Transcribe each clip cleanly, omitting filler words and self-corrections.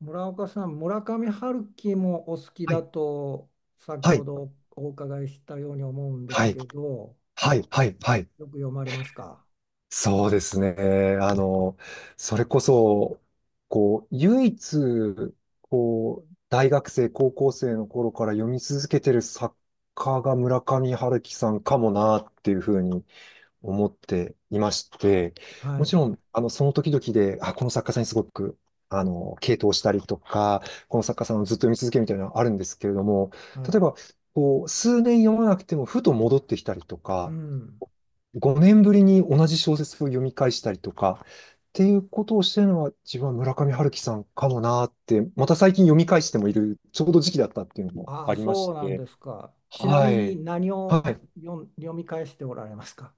村岡さん、村上春樹もお好きはだい、と先はほい、どお伺いしたように思うんではすい、けど、はい、よ、はい、はい。よく読まれますか？そうですね。あの、それこそ、こう、唯一、こう、大学生、高校生の頃から読み続けてる作家が村上春樹さんかもなっていうふうに思っていまして、はもちい、ろん、あの、その時々で、あ、この作家さんにすごく、あの、傾倒したりとか、この作家さんをずっと読み続けるみたいなのはあるんですけれども、は例えい。ば、こう、数年読まなくても、ふと戻ってきたりとうか、ん。5年ぶりに同じ小説を読み返したりとか、っていうことをしてるのは自分は村上春樹さんかもなーって、また最近読み返してもいる、ちょうど時期だったっていうのもああ、ありましそうなんて、ですか。ちなはみにい。何はをい。読み返しておられますか？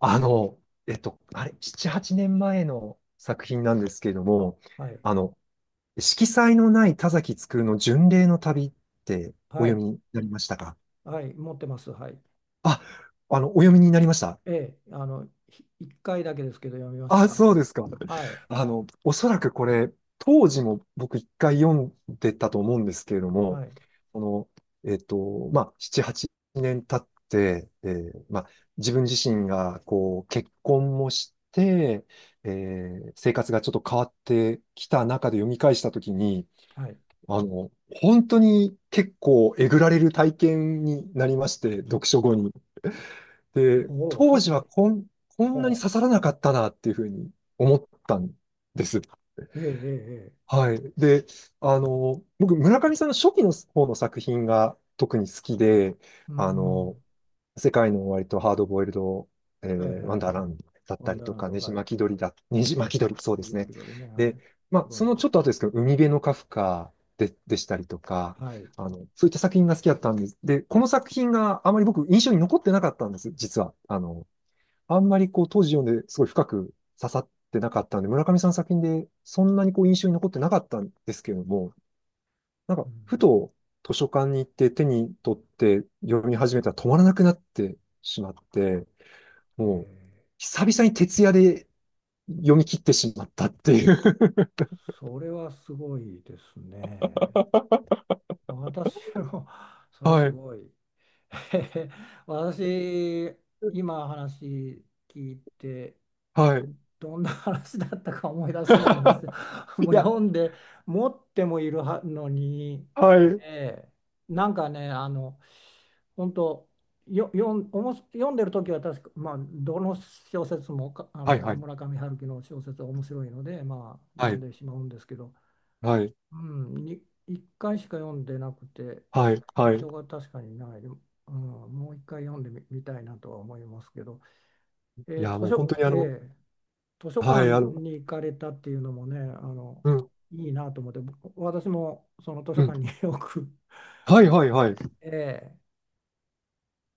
あの、あれ、7、8年前の作品なんですけれども、はい、あの、色彩のない田崎つの巡礼の旅っておは読い、みになりましたか？はい、持ってます。はい。あ、あの、お読みになりました。ええ、一回だけですけど読みましあ、た。そうですか。はい、あの、おそらくこれ、当時も僕一回読んでたと思うんですけれども、はい、この、まあ、7、8年経って、まあ、自分自身が、こう、結婚もして、えー生活がちょっと変わってきた中で読み返したときに、はい。あの、本当に結構えぐられる体験になりまして、読書後に。で、ほう、当時はこんなにほ刺さらなかったなっていうふうに思ったんです。う。ええ、ええ、ええ。はい。で、あの、僕、村上さんの初期の方の作品が特に好きで、うーあの、ん。世界の終わりとハードボイルド、ええ、ワえンダえ、ーランドだっワたンりダーとランか、ド、ねじはい。巻き鳥だ、ねじ巻き鳥、そうネでジすマね。ピどリね、はい。で、まあ、クロそニのクちル。ょっと後ですけど、海辺のカフカで、でしたりとか、はい。あの、そういった作品が好きだったんです。で、この作品があまり僕、印象に残ってなかったんです、実は。あの、あんまりこう当時読んですごい深く刺さってなかったんで、村上さんの作品でそんなにこう印象に残ってなかったんですけれども、なんかうふん、と図書館に行って手に取って読み始めたら止まらなくなってしまって、えもうー久々に徹夜で読み切ってしまったっていう。それはすごいですね。私も それはすはい、ごい。私、今話聞いて、はい。どんな話だったか思い出せないんですよ。いもうや、読んで持ってもいるはのに、はい。ええ、なんかね、本当、よよんおもし読んでる時は確か、まあ、どの小説もかあはい、のはい、村上春樹の小説は面白いので、まあ、は読んい、でしまうんですけど、はい、うん、1回しか読んでなくて、はい、は印い。象が確かにない、うん、もう1回読んでみ、みたいなとは思いますけど、いえーや、図もう書、本当にあの、ええ、図書は館い、あの、に行かれたっていうのもね、うん、いいなと思って、私もその図書うん。館に よくは行い、はい、くんはい。で、え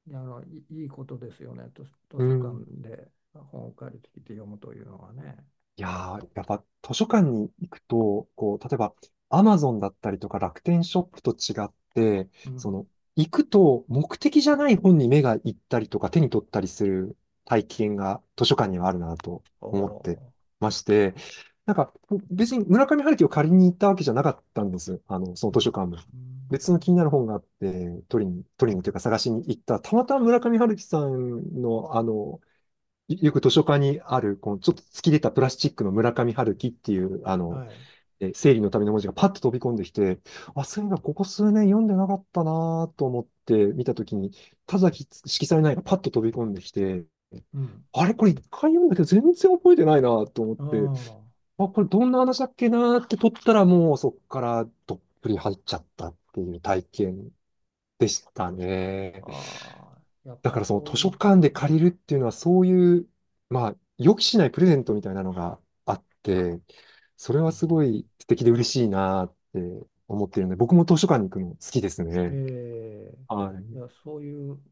え、いや、いいことですよね、図う書館ん。で本を借りてきて読むというのはね。いやー、やっぱ図書館に行くと、こう、例えば、アマゾンだったりとか楽天ショップと違って、うそん。の、行くと目的じゃない本に目が行ったりとか手に取ったりする体験が図書館にはあるなとお思ってお。まして、なんか、別に村上春樹を借りに行ったわけじゃなかったんです。あの、そのう図書ん。館も。うん。別の気になる本があって、取りにというか探しに行ったら、たまたま村上春樹さんの、あの、よく図書館にある、このちょっと突き出たプラスチックの村上春樹っていう、あはの、い。生理のための文字がパッと飛び込んできて、あ、そういえばここ数年読んでなかったなと思って見たときに、田崎色彩ないがパッと飛び込んできて、うん。あれこれ一回読んだけど全然覚えてないなと思って、ああ、これどんな話だっけなって取ったらもうそっからどっぷり入っちゃったっていう体験でしたね。あ。ああ。やっだぱかりらそのそう図い書う、館で借りるっていうのはそういう、まあ、予期しないプレゼントみたいなのがあって、それうはん、すごい素敵で嬉しいなって思ってるので、僕も図書館に行くの好きですえね。え、はいや、そういう、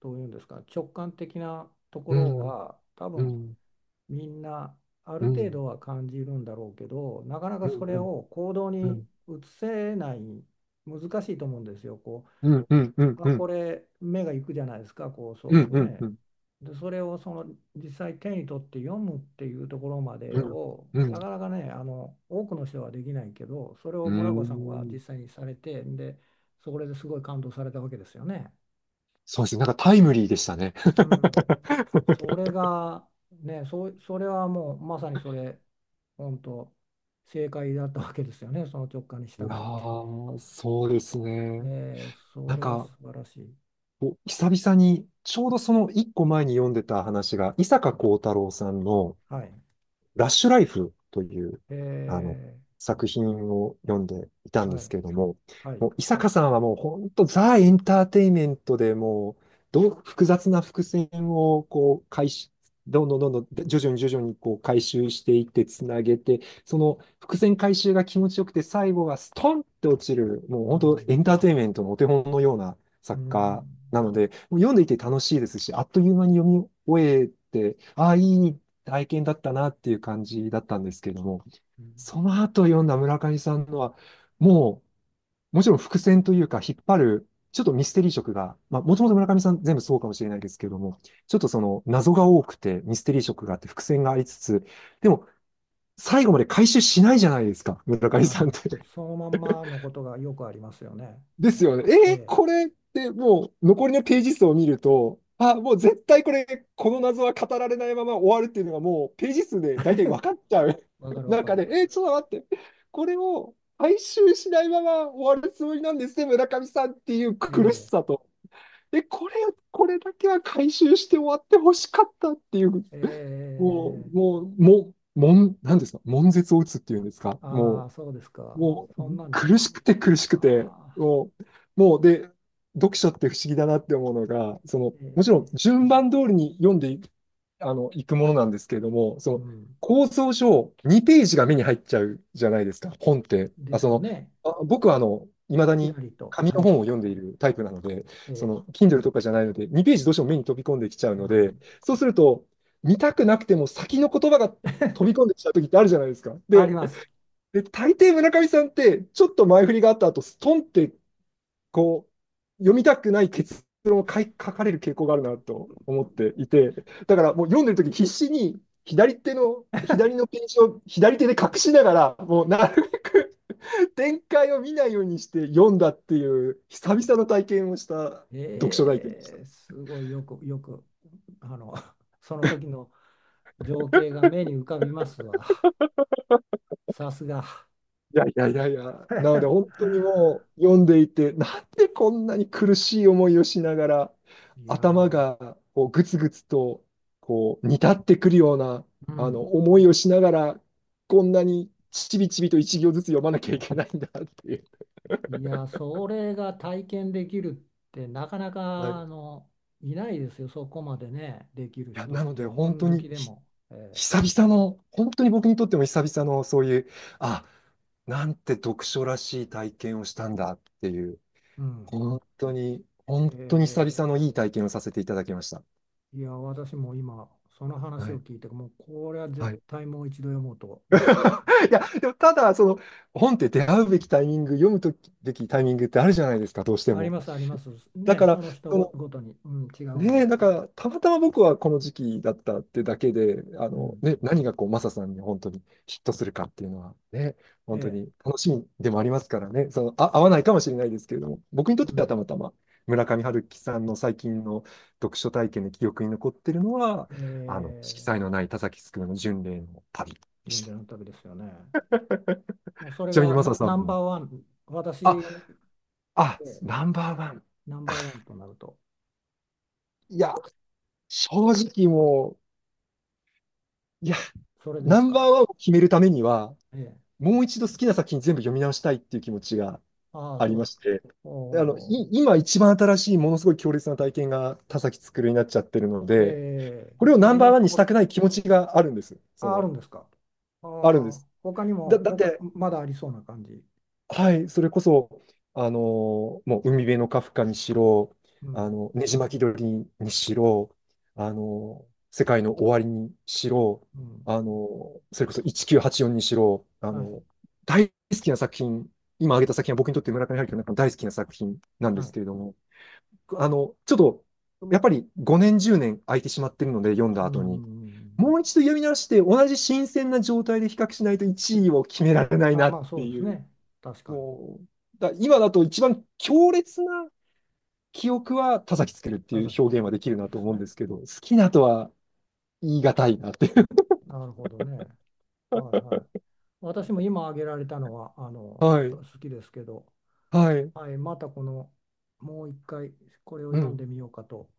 どういうんですか、直感的なとこい。うろん、は、多う分ん、みんなあるうん、う程ん、度は感じるんだろうけど、なかなかうそん、れうん、を行動うにん、移せない、難しいと思うんですよ。こうん、うん、うん、うん、う、あ、うこん、れ目が行くじゃないですか、こう、そうういうん、うね。ん、で、それをその実際手に取って読むっていうところまでを、なかうなかね、あの多くの人はできないけど、それをん、う村子さんはん。実際にされて、で、それですごい感動されたわけですよね。そうですね。なんかタイムリーでしたね。うん、それ がね、それはもうまさにそれ、本当正解だったわけですよね、その直感にい従やって。ー、そうですね。そなんれはか、素晴らしい。お、久々に、ちょうどその一個前に読んでた話が、伊坂幸太郎さんの、はい。ラッシュライフという、あの、え作品を読んでいたー、んではすい。けれども、はい。もう、伊坂さんはもう本当ザ・エンターテインメントでもう、どう、複雑な伏線をこう、回収、どんどんどんどん、徐々に徐々にこう回収していって、つなげて、その伏線回収が気持ちよくて、最後がストンって落ちる、もうう本当ん。エンターテインメントのお手本のようなう作家ん。なので、もう読んでいて楽しいですし、あっという間に読み終えて、ああ、いい体験だったなっていう感じだったんですけれども、うん、その後読んだ村上さんのは、もう、もちろん伏線というか、引っ張る、ちょっとミステリー色が、まあ、もともと村上さん全部そうかもしれないですけれども、ちょっとその謎が多くて、ミステリー色があって、伏線がありつつ、でも、最後まで回収しないじゃないですか、村上あ、さんって。そのまんまのことがよくありますよね。ですよね。ええ、これってもう残りのページ数を見ると、あ、もう絶対これ、この謎は語られないまま終わるっていうのがもうページ数で大体分かっちゃう わか るわか中る。で、ちょっと待って、これを回収しないまま終わるつもりなんですね、村上さんっていう苦しええ、さと。え、これ、これだけは回収して終わってほしかったっていう、もええ、う、もう、もう、なんですか、悶絶を打つっていうんですか、もああ、う。そうですか。もうそんなんじゃ。あ苦しくて苦しくて、あ、もう、もうで、読書って不思議だなって思うのが、その、えもちろんえ、順番通りに読んでい、あの、いくものなんですけれども、そうの、ん。構造上2ページが目に入っちゃうじゃないですか、本って。であ、すそよの、ね。あ、僕はあの、いまだちらにりと、紙はのい、本を読んでいるタイプなので、そえの、Kindle とかじゃないので、2ページどうしても目に飛び込んできちゃうー、うので、ん、そうすると、見たくなくても先の言葉が飛び 込んできちゃう時ってあるじゃないですか。ありで、ます。大抵村上さんって、ちょっと前振りがあった後、ストンって、こう、読みたくない結論を書かれる傾向があるなと思っていて、だからもう読んでる時必死に左手の、左のページを左手で隠しながら、もうなるべく展開を見ないようにして読んだっていう、久々の体験をした読書体験でした。すごい、よく、あの、その時の情景が目に浮かびますわ。さすが。いやいやいやいや、なので 本当にもう読んでいて、なんでこんなに苦しい思いをしながら、いや頭ー、がこうグツグツとこう煮立ってくるようなうあのん。思いをしながら、こんなにちびちびと一行ずつ読まなきゃいけないんだっていう。いやー、それが体験できるって、なかなはい、かいいないですよ、そこまでね、できるや人っなのて、で本本当好きにでも。久々の、本当に僕にとっても久々のそういう、あ、なんて読書らしい体験をしたんだっていう。うん。本当に、本え当に久ー々のいい体験をさせていただきました。いや、私も今、その話はをい。聞いて、もうこれは絶はい。対もう一度読もうと、今。いや、でもただ、その、本って出会うべきタイミング、読むときべきタイミングってあるじゃないですか、どうしてありも。ます、あります。だね、かそら、のそごとに、うん、違うのねえ、だで。から、たまたま僕はこの時期だったってだけで、あうの、ん。ね、何がこう、マサさんに本当にヒットするかっていうのはね、え本当え。に楽しみでもありますからね、その、あ、合わないかもしれないですけれども、僕にとっうてはん。たまたま村上春樹さんの最近の読書体験で記憶に残ってるのは、えあの、色彩のえ。ない田崎すくめの巡礼の旅で巡し礼た。の旅ですよね。もうそれちなみにがマサさんナンバも、ーワン、私、あ、えあ、え、ナンバーワン。ナンバーワンとなると、いや、正直もう、いや、それでナすンか。バーワンを決めるためには、ええ。もう一度好きな作品全部読み直したいっていう気持ちがああ、ありそうでますしか。て、おあの、お。今一番新しいものすごい強烈な体験が田崎つくるになっちゃってるので、ええ。これをまナあ、ンバ今ーのワンとにしこたくろ、ない気持ちがあるんです。そあ、あるの、んですか。ああるんであ、す。他にも、だっ他、て、まだありそうな感じ。はい、それこそ、もう海辺のカフカにしろ、うあん。の、ねじ巻き鳥にしろ、世界の終わりにしろ、うん、それこそ1984にしろ、はい、大好きな作品、今挙げた作品は僕にとって村上春樹の中の大好きな作品なんはですい。けれども、あの、ちょっと、やっぱり5年、10年空いてしまってるので、読んだうん、う後んうに、んうもん、う一度読み直して、同じ新鮮な状態で比較しないと1位を決められないあ、なまっあそてうですいう。ね。確かに。もう、今だと一番強烈な記憶は田崎つけるって田いう崎表現はでき来るるなんでとす思うんね。ですけど、好きなとは言い難いなっていう。なるほどね。はいはい。私も今挙げられたのは、あ の、はい。好きですけど、はい。はい、またこの、もう一回これをう読んん。でみようかと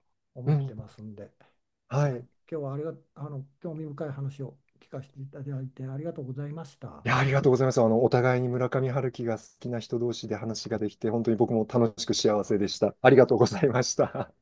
う思っん。てますんで、ははい、い。今日はありが、あの、興味深い話を聞かせていただいてありがとうございました。いや、ありがとうございます。あの、お互いに村上春樹が好きな人同士で話ができて、本当に僕も楽しく幸せでした。ありがとうございました。